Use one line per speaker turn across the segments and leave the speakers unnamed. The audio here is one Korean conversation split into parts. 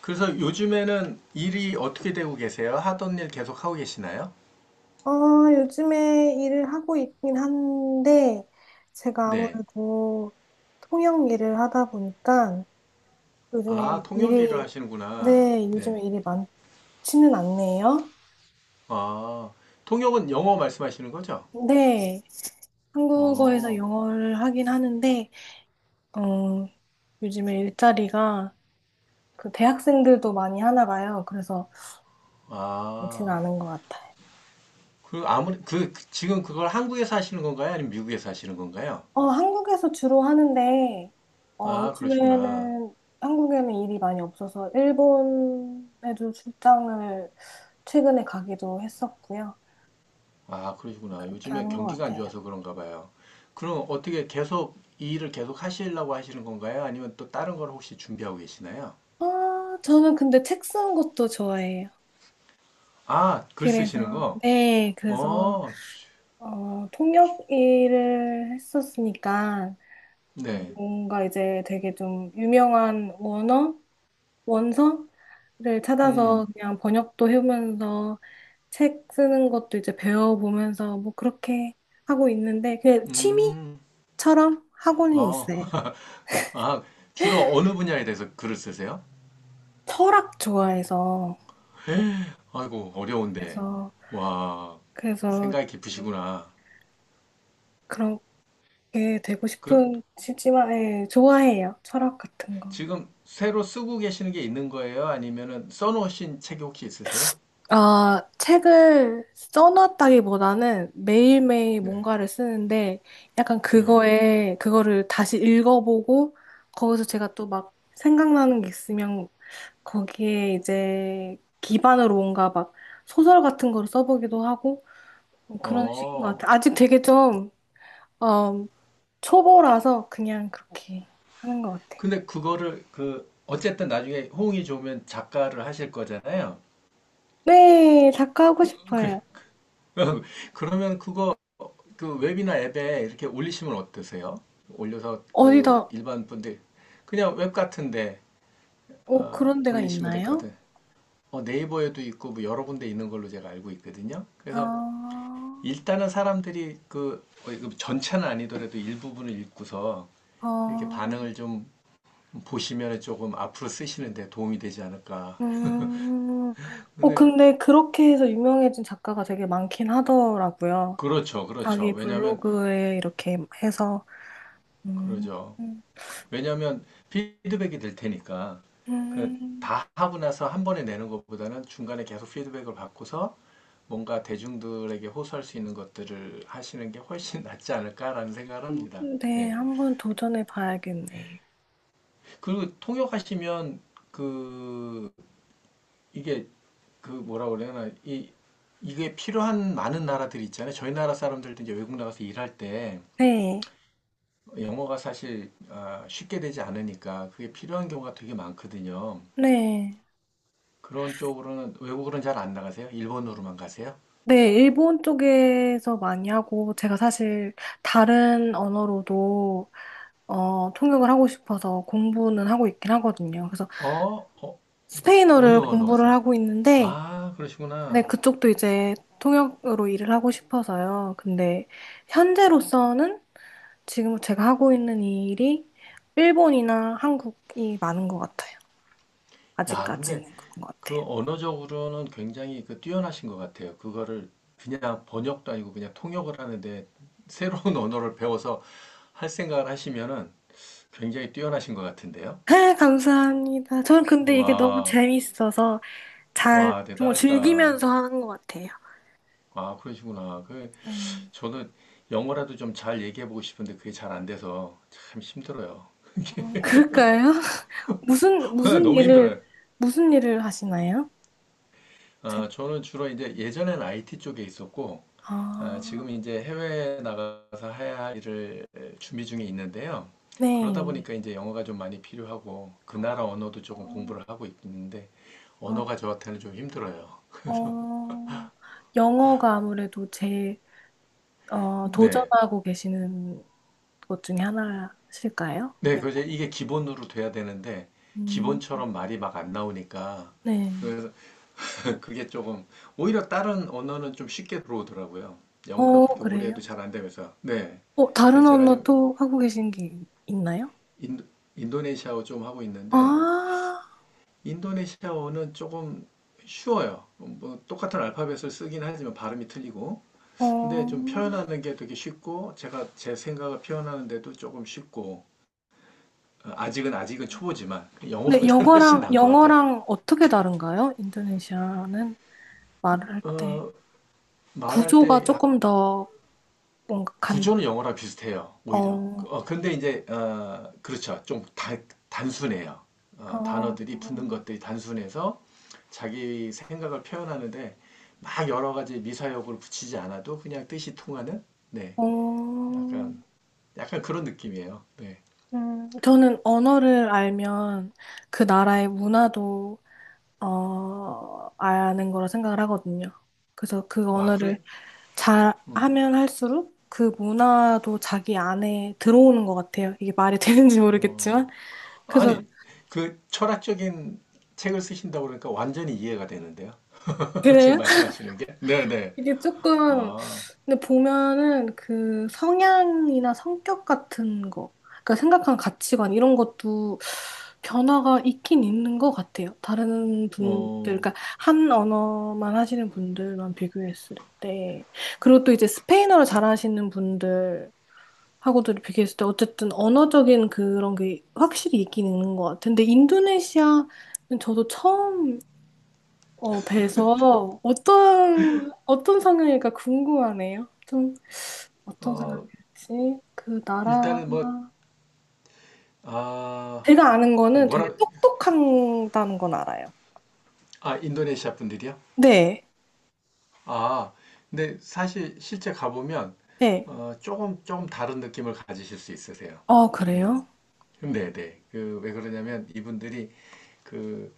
그래서 요즘에는 일이 어떻게 되고 계세요? 하던 일 계속 하고 계시나요?
어, 요즘에 일을 하고 있긴 한데, 제가
네.
아무래도 통역 일을 하다 보니까 요즘에
아, 통역 일을
일이,
하시는구나.
네,
네.
요즘에 일이 많지는 않네요.
아, 통역은 영어 말씀하시는 거죠?
네, 한국어에서
어,
영어를 하긴 하는데, 어, 요즘에 일자리가 그 대학생들도 많이 하나 봐요. 그래서 많지는
아.
않은 것 같아요.
그 아무리 지금 그걸 한국에서 하시는 건가요? 아니면 미국에서 하시는 건가요?
한국에서 주로 하는데,
아, 그러시구나.
요즘에는 한국에는 일이 많이 없어서 일본에도 출장을 최근에 가기도 했었고요.
아, 그러시구나.
그렇게
요즘에
하는 것
경기가 안
같아요.
좋아서 그런가 봐요. 그럼 어떻게 계속 이 일을 계속 하시려고 하시는 건가요? 아니면 또 다른 걸 혹시 준비하고 계시나요?
아, 저는 근데 책 쓰는 것도 좋아해요.
아, 글 쓰시는
그래서,
거?
네, 그래서,
어,
통역 일을 했었으니까,
네.
뭔가 이제 되게 좀 유명한 원어? 원서를 찾아서
음.
그냥 번역도 해보면서 책 쓰는 것도 이제 배워보면서 뭐 그렇게 하고 있는데 그냥
음.
취미처럼 하고는 있어요.
아. 아, 주로 어느 분야에 대해서 글을 쓰세요?
철학 좋아해서
아이고, 어려운데.
그래서
와,
그래서
생각이
음,
깊으시구나.
그렇게 되고
그,
싶은 싶지만 예, 좋아해요. 철학 같은 거.
지금 새로 쓰고 계시는 게 있는 거예요? 아니면은 써놓으신 책이 혹시 있으세요?
아, 책을 써놨다기보다는 매일매일
네.
뭔가를 쓰는데 약간
네.
그거를 다시 읽어보고 거기서 제가 또 막 생각나는 게 있으면 거기에 이제 기반으로 뭔가 막 소설 같은 거를 써보기도 하고 뭐 그런 식인 것
어.
같아요. 아직 되게 좀, 어, 초보라서 그냥 그렇게 하는 것 같아요.
근데 그거를 그 어쨌든 나중에 호응이 좋으면 작가를 하실 거잖아요.
네, 작가하고
그
싶어요.
그러면 그거 그 웹이나 앱에 이렇게 올리시면 어떠세요? 올려서 그
어디다,
일반 분들 그냥 웹 같은데 어,
그런 데가
올리시면 될 것
있나요?
같은. 어, 네이버에도 있고 뭐 여러 군데 있는 걸로 제가 알고 있거든요. 그래서
아,
일단은 사람들이 그 어, 전체는 아니더라도 일부분을 읽고서 이렇게
어,
반응을 좀 보시면 조금 앞으로 쓰시는데 도움이 되지 않을까.
음,
근데
근데 그렇게 해서 유명해진 작가가 되게 많긴 하더라고요.
그렇죠, 그렇죠.
자기
왜냐하면
블로그에 이렇게 해서, 음,
그러죠.
음,
왜냐하면 피드백이 될 테니까 그
음,
다 하고 나서 한 번에 내는 것보다는 중간에 계속 피드백을 받고서 뭔가 대중들에게 호소할 수 있는 것들을 하시는 게 훨씬 낫지 않을까라는 생각을 합니다.
네,
예.
한번 도전해 봐야겠네.
그리고 통역하시면 그 이게 그 뭐라 그래나 이 이게 필요한 많은 나라들이 있잖아요. 저희 나라 사람들도 이제 외국 나가서 일할 때
네,
영어가 사실 아, 쉽게 되지 않으니까 그게 필요한 경우가 되게 많거든요.
네.
그런 쪽으로는 외국으로는 잘 안 나가세요? 일본으로만 가세요?
네, 일본 쪽에서 많이 하고, 제가 사실 다른 언어로도, 통역을 하고 싶어서 공부는 하고 있긴 하거든요. 그래서
어? 어? 어느
스페인어를
언어
공부를
하세요?
하고 있는데,
아,
네,
그러시구나.
그쪽도 이제 통역으로 일을 하고 싶어서요. 근데 현재로서는 지금 제가 하고 있는 일이 일본이나 한국이 많은 것 같아요.
야,
아직까지는
근데
그런 것
그
같아요.
언어적으로는 굉장히 그 뛰어나신 것 같아요. 그거를 그냥 번역도 아니고 그냥 통역을 하는데 새로운 언어를 배워서 할 생각을 하시면은 굉장히 뛰어나신 것 같은데요?
아, 감사합니다. 저는 근데 이게 너무
와,
재밌어서 잘
와,
정말
대단하시다.
즐기면서 하는 것 같아요.
아, 그러시구나. 그,
네.
저는 영어라도 좀 잘 얘기해보고 싶은데 그게 잘 안 돼서 참 힘들어요.
그럴까요? 무슨 무슨
너무
일을
힘들어요.
무슨 일을 하시나요? 제-
저는 주로 이제 예전엔 IT 쪽에 있었고,
아,
지금 이제 해외에 나가서 해야 할 일을 준비 중에 있는데요. 그러다
네.
보니까 이제 영어가 좀 많이 필요하고, 그 나라 언어도 조금
어,
공부를 하고 있는데,
어.
언어가 저한테는 좀 힘들어요.
어, 영어가 아무래도 제일
네.
도전하고 계시는 것 중에 하나실까요?
네,
영.
그래서 이게 기본으로 돼야 되는데,
음,
기본처럼 말이 막 안 나오니까,
네.
그래서 그게 조금, 오히려 다른 언어는 좀 쉽게 들어오더라고요. 영어는 그렇게 오래
그래요?
해도 잘 안 되면서, 네.
다른
그래서 제가
언어
지금
또 하고 계신 게 있나요?
인도, 인도네시아어 좀 하고 있는데
아,
인도네시아어는 조금 쉬워요. 뭐 똑같은 알파벳을 쓰긴 하지만 발음이 틀리고 근데 좀
어.
표현하는 게 되게 쉽고 제가 제 생각을 표현하는데도 조금 쉽고 아직은 초보지만
근데
영어보다는 훨씬
영어랑,
나은 것 같아요.
영어랑 어떻게 다른가요? 인도네시아는 말을 할 때.
어, 말할
구조가
때
조금 더 뭔가 간,
구조는 영어랑 비슷해요, 오히려.
어,
근데 이제, 그렇죠. 단순해요. 어,
어,
단어들이 붙는 것들이 단순해서 자기 생각을 표현하는데 막 여러 가지 미사역을 붙이지 않아도 그냥 뜻이 통하는? 네.
어.
약간, 약간 그런 느낌이에요. 네.
저는 언어를 알면 그 나라의 문화도 아는 거라 생각을 하거든요. 그래서 그
와, 그래.
언어를 잘
음,
하면 할수록 그 문화도 자기 안에 들어오는 것 같아요. 이게 말이 되는지 모르겠지만.
어,
그래서
아니, 그 철학적인 책을 쓰신다고 그러니까 완전히 이해가 되는데요. 지금
그래요?
말씀하시는 게. 네네.
이게 조금
와,
근데 보면은 그 성향이나 성격 같은 거, 그러니까 생각하는 가치관 이런 것도 변화가 있긴 있는 것 같아요. 다른 분들,
어,
그러니까 한 언어만 하시는 분들만 비교했을 때, 그리고 또 이제 스페인어를 잘하시는 분들 하고도 비교했을 때 어쨌든 언어적인 그런 게 확실히 있긴 있는 것 같아요. 근데 인도네시아는 저도 처음 뵈서 어떤 성향일까 궁금하네요. 좀 어떤
어,
사람이었지? 그 나라
일단은 뭐, 아,
제가 아는 거는 되게
뭐라,
똑똑한다는 건 알아요.
아, 인도네시아 분들이요?
네,
아, 근데 사실 실제 가보면,
네.
어, 조금 다른 느낌을 가지실 수 있으세요. 음,
그래요?
네, 네. 그, 왜 그러냐면 이분들이 그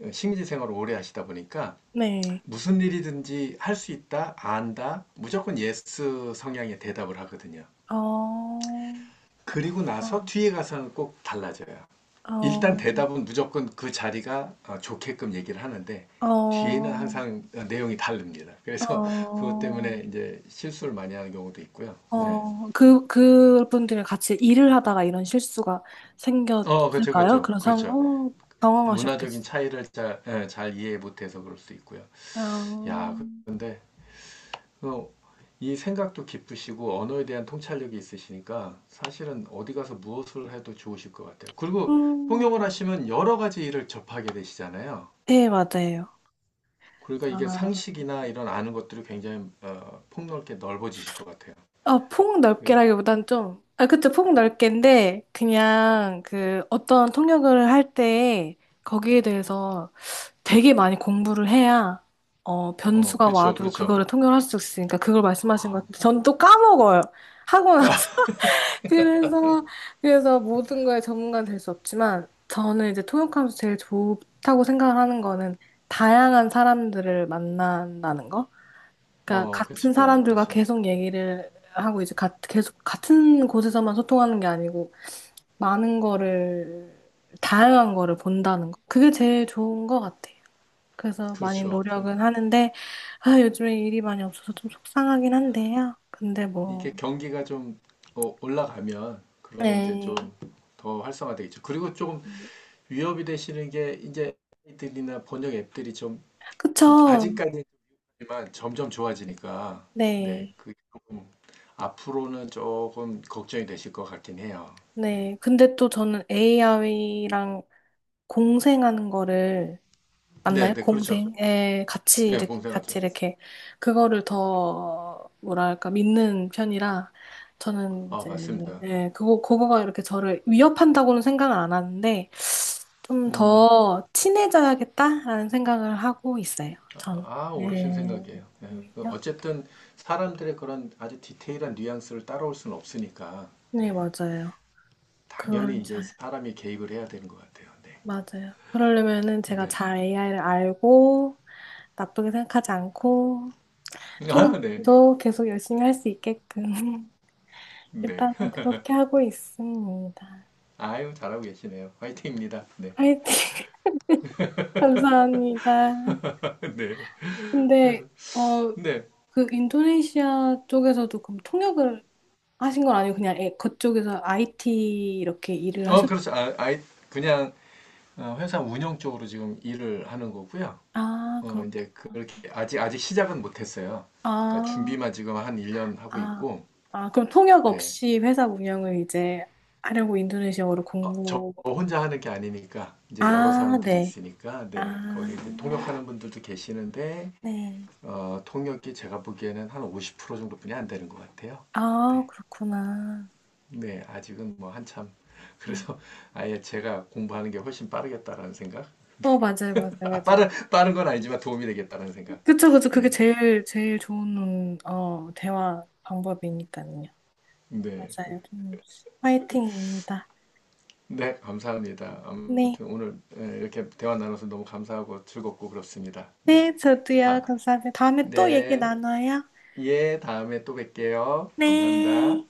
어, 식민지 생활을 오래 하시다 보니까
네.
무슨 일이든지 할 수 있다, 안다, 무조건 예스 성향의 대답을 하거든요.
어, 어,
그리고 나서 뒤에 가서는 꼭 달라져요. 일단 대답은 무조건 그 자리가 어, 좋게끔 얘기를 하는데
어,
뒤에는
어,
항상 어, 내용이 다릅니다. 그래서 그것
어,
때문에 이제 실수를 많이 하는 경우도 있고요. 예.
그분들이 같이 일을 하다가 이런 실수가
어, 그렇죠,
생겼을까요?
그렇죠,
그런 상황,
그렇죠.
어,
문화적인
당황하셨겠어요.
차이를 잘, 예, 잘 이해 못해서 그럴 수도 있고요.
아,
야, 그런데 어, 이 생각도 깊으시고 언어에 대한 통찰력이 있으시니까 사실은 어디 가서 무엇을 해도 좋으실 것 같아요. 그리고 통역을
네,
하시면 여러 가지 일을 접하게 되시잖아요.
네, 맞아요.
그러니까 이게
아.
상식이나 이런 아는 것들이 굉장히 어, 폭넓게 넓어지실 것 같아요.
폭
그게
넓게라기보단 좀, 아, 그쵸, 폭 넓게인데, 그냥 그 어떤 통역을 할 때 거기에 대해서 되게 많이 공부를 해야,
어
변수가
그렇죠,
와도
그렇죠.
그거를 통역을 할 수 있으니까 그걸 말씀하신 것
아,
같은데, 전 또 까먹어요. 하고 나서. 그래서 모든 거에 전문가는 될 수 없지만, 저는 이제 통역하면서 제일 좋다고 생각을 하는 거는 다양한 사람들을 만난다는 거? 그러니까
어 그렇죠,
같은 사람들과
그렇죠,
계속 얘기를 하고 이제 계속 같은 곳에서만 소통하는 게 아니고 많은 거를 다양한 거를 본다는 거. 그게 제일 좋은 것 같아요. 그래서 많이
그렇죠.
노력은 하는데 아, 요즘에 일이 많이 없어서 좀 속상하긴 한데요. 근데 뭐
이게 경기가 좀 어, 올라가면 그러면 이제 좀
네.
더 활성화되겠죠. 그리고 조금 위협이 되시는 게 이제 들이나 번역 앱들이 좀
그쵸.
아직까지지만 점점 좋아지니까 네,
네.
그 조금 앞으로는 조금 걱정이 되실 것 같긴 해요. 네,
네. 근데 또 저는 AI랑 공생하는 거를
네,
맞나요?
네, 그렇죠.
공생? 예, 같이
네,
이렇게,
공생하죠.
같이 이렇게, 그거를 더, 뭐랄까, 믿는 편이라, 저는
아,
이제,
맞습니다.
예, 그거가 이렇게 저를 위협한다고는 생각을 안 하는데, 좀
음,
더 친해져야겠다라는 생각을 하고 있어요, 전.
아, 옳으신
네,
생각이에요. 예. 그
오히려?
어쨌든 사람들의 그런 아주 디테일한 뉘앙스를 따라올 수는 없으니까,
네,
네.
맞아요. 그거를
당연히 이제
잘,
사람이 개입을 해야 되는 것 같아요. 네.
맞아요. 그러려면은 제가
네.
잘 AI를 알고, 나쁘게 생각하지 않고,
아, 네.
통역도 계속 열심히 할 수 있게끔.
네.
일단 그렇게 하고 있습니다.
아유, 잘하고 계시네요. 화이팅입니다. 네.
화이팅! 감사합니다.
네. 그래서,
근데 어
네.
그 인도네시아 쪽에서도 그럼 통역을 하신 건 아니고 그냥 그쪽에서 IT 이렇게 일을
어,
하셨
그렇죠. 아, 아이, 그냥 어, 회사 운영 쪽으로 지금 일을 하는 거고요.
아
어,
그렇구나.
이제 그렇게 아직 시작은 못했어요. 그러니까
아,
준비만 지금 한 1년 하고
아,
있고,
아, 그럼 통역
네.
없이 회사 운영을 이제 하려고 인도네시아어를
어, 저
공부.
혼자 하는 게 아니니까 이제 여러
아,
사람들이
네.
있으니까
아,
네 거기 이제 통역하는 분들도 계시는데
네.
어, 통역이 제가 보기에는 한 50% 정도뿐이 안 되는 것 같아요.
아,
네,
그렇구나.
네 아직은 뭐 한참
네.
그래서 아예 제가 공부하는 게 훨씬 빠르겠다라는 생각.
맞아요, 맞아요,
아,
맞아요.
빠른 건 아니지만 도움이 되겠다는 생각.
그쵸, 그쵸. 그게
네,
제일 좋은, 대화 방법이니까요.
네,
맞아요. 좀 화이팅입니다.
네 감사합니다.
네.
아무튼 오늘 예, 이렇게 대화 나눠서 너무 감사하고 즐겁고 그렇습니다. 네,
네, 저도요.
다
감사합니다. 다음에 또 얘기
네.
나눠요.
예, 다음에 또 뵐게요.
네.
감사합니다.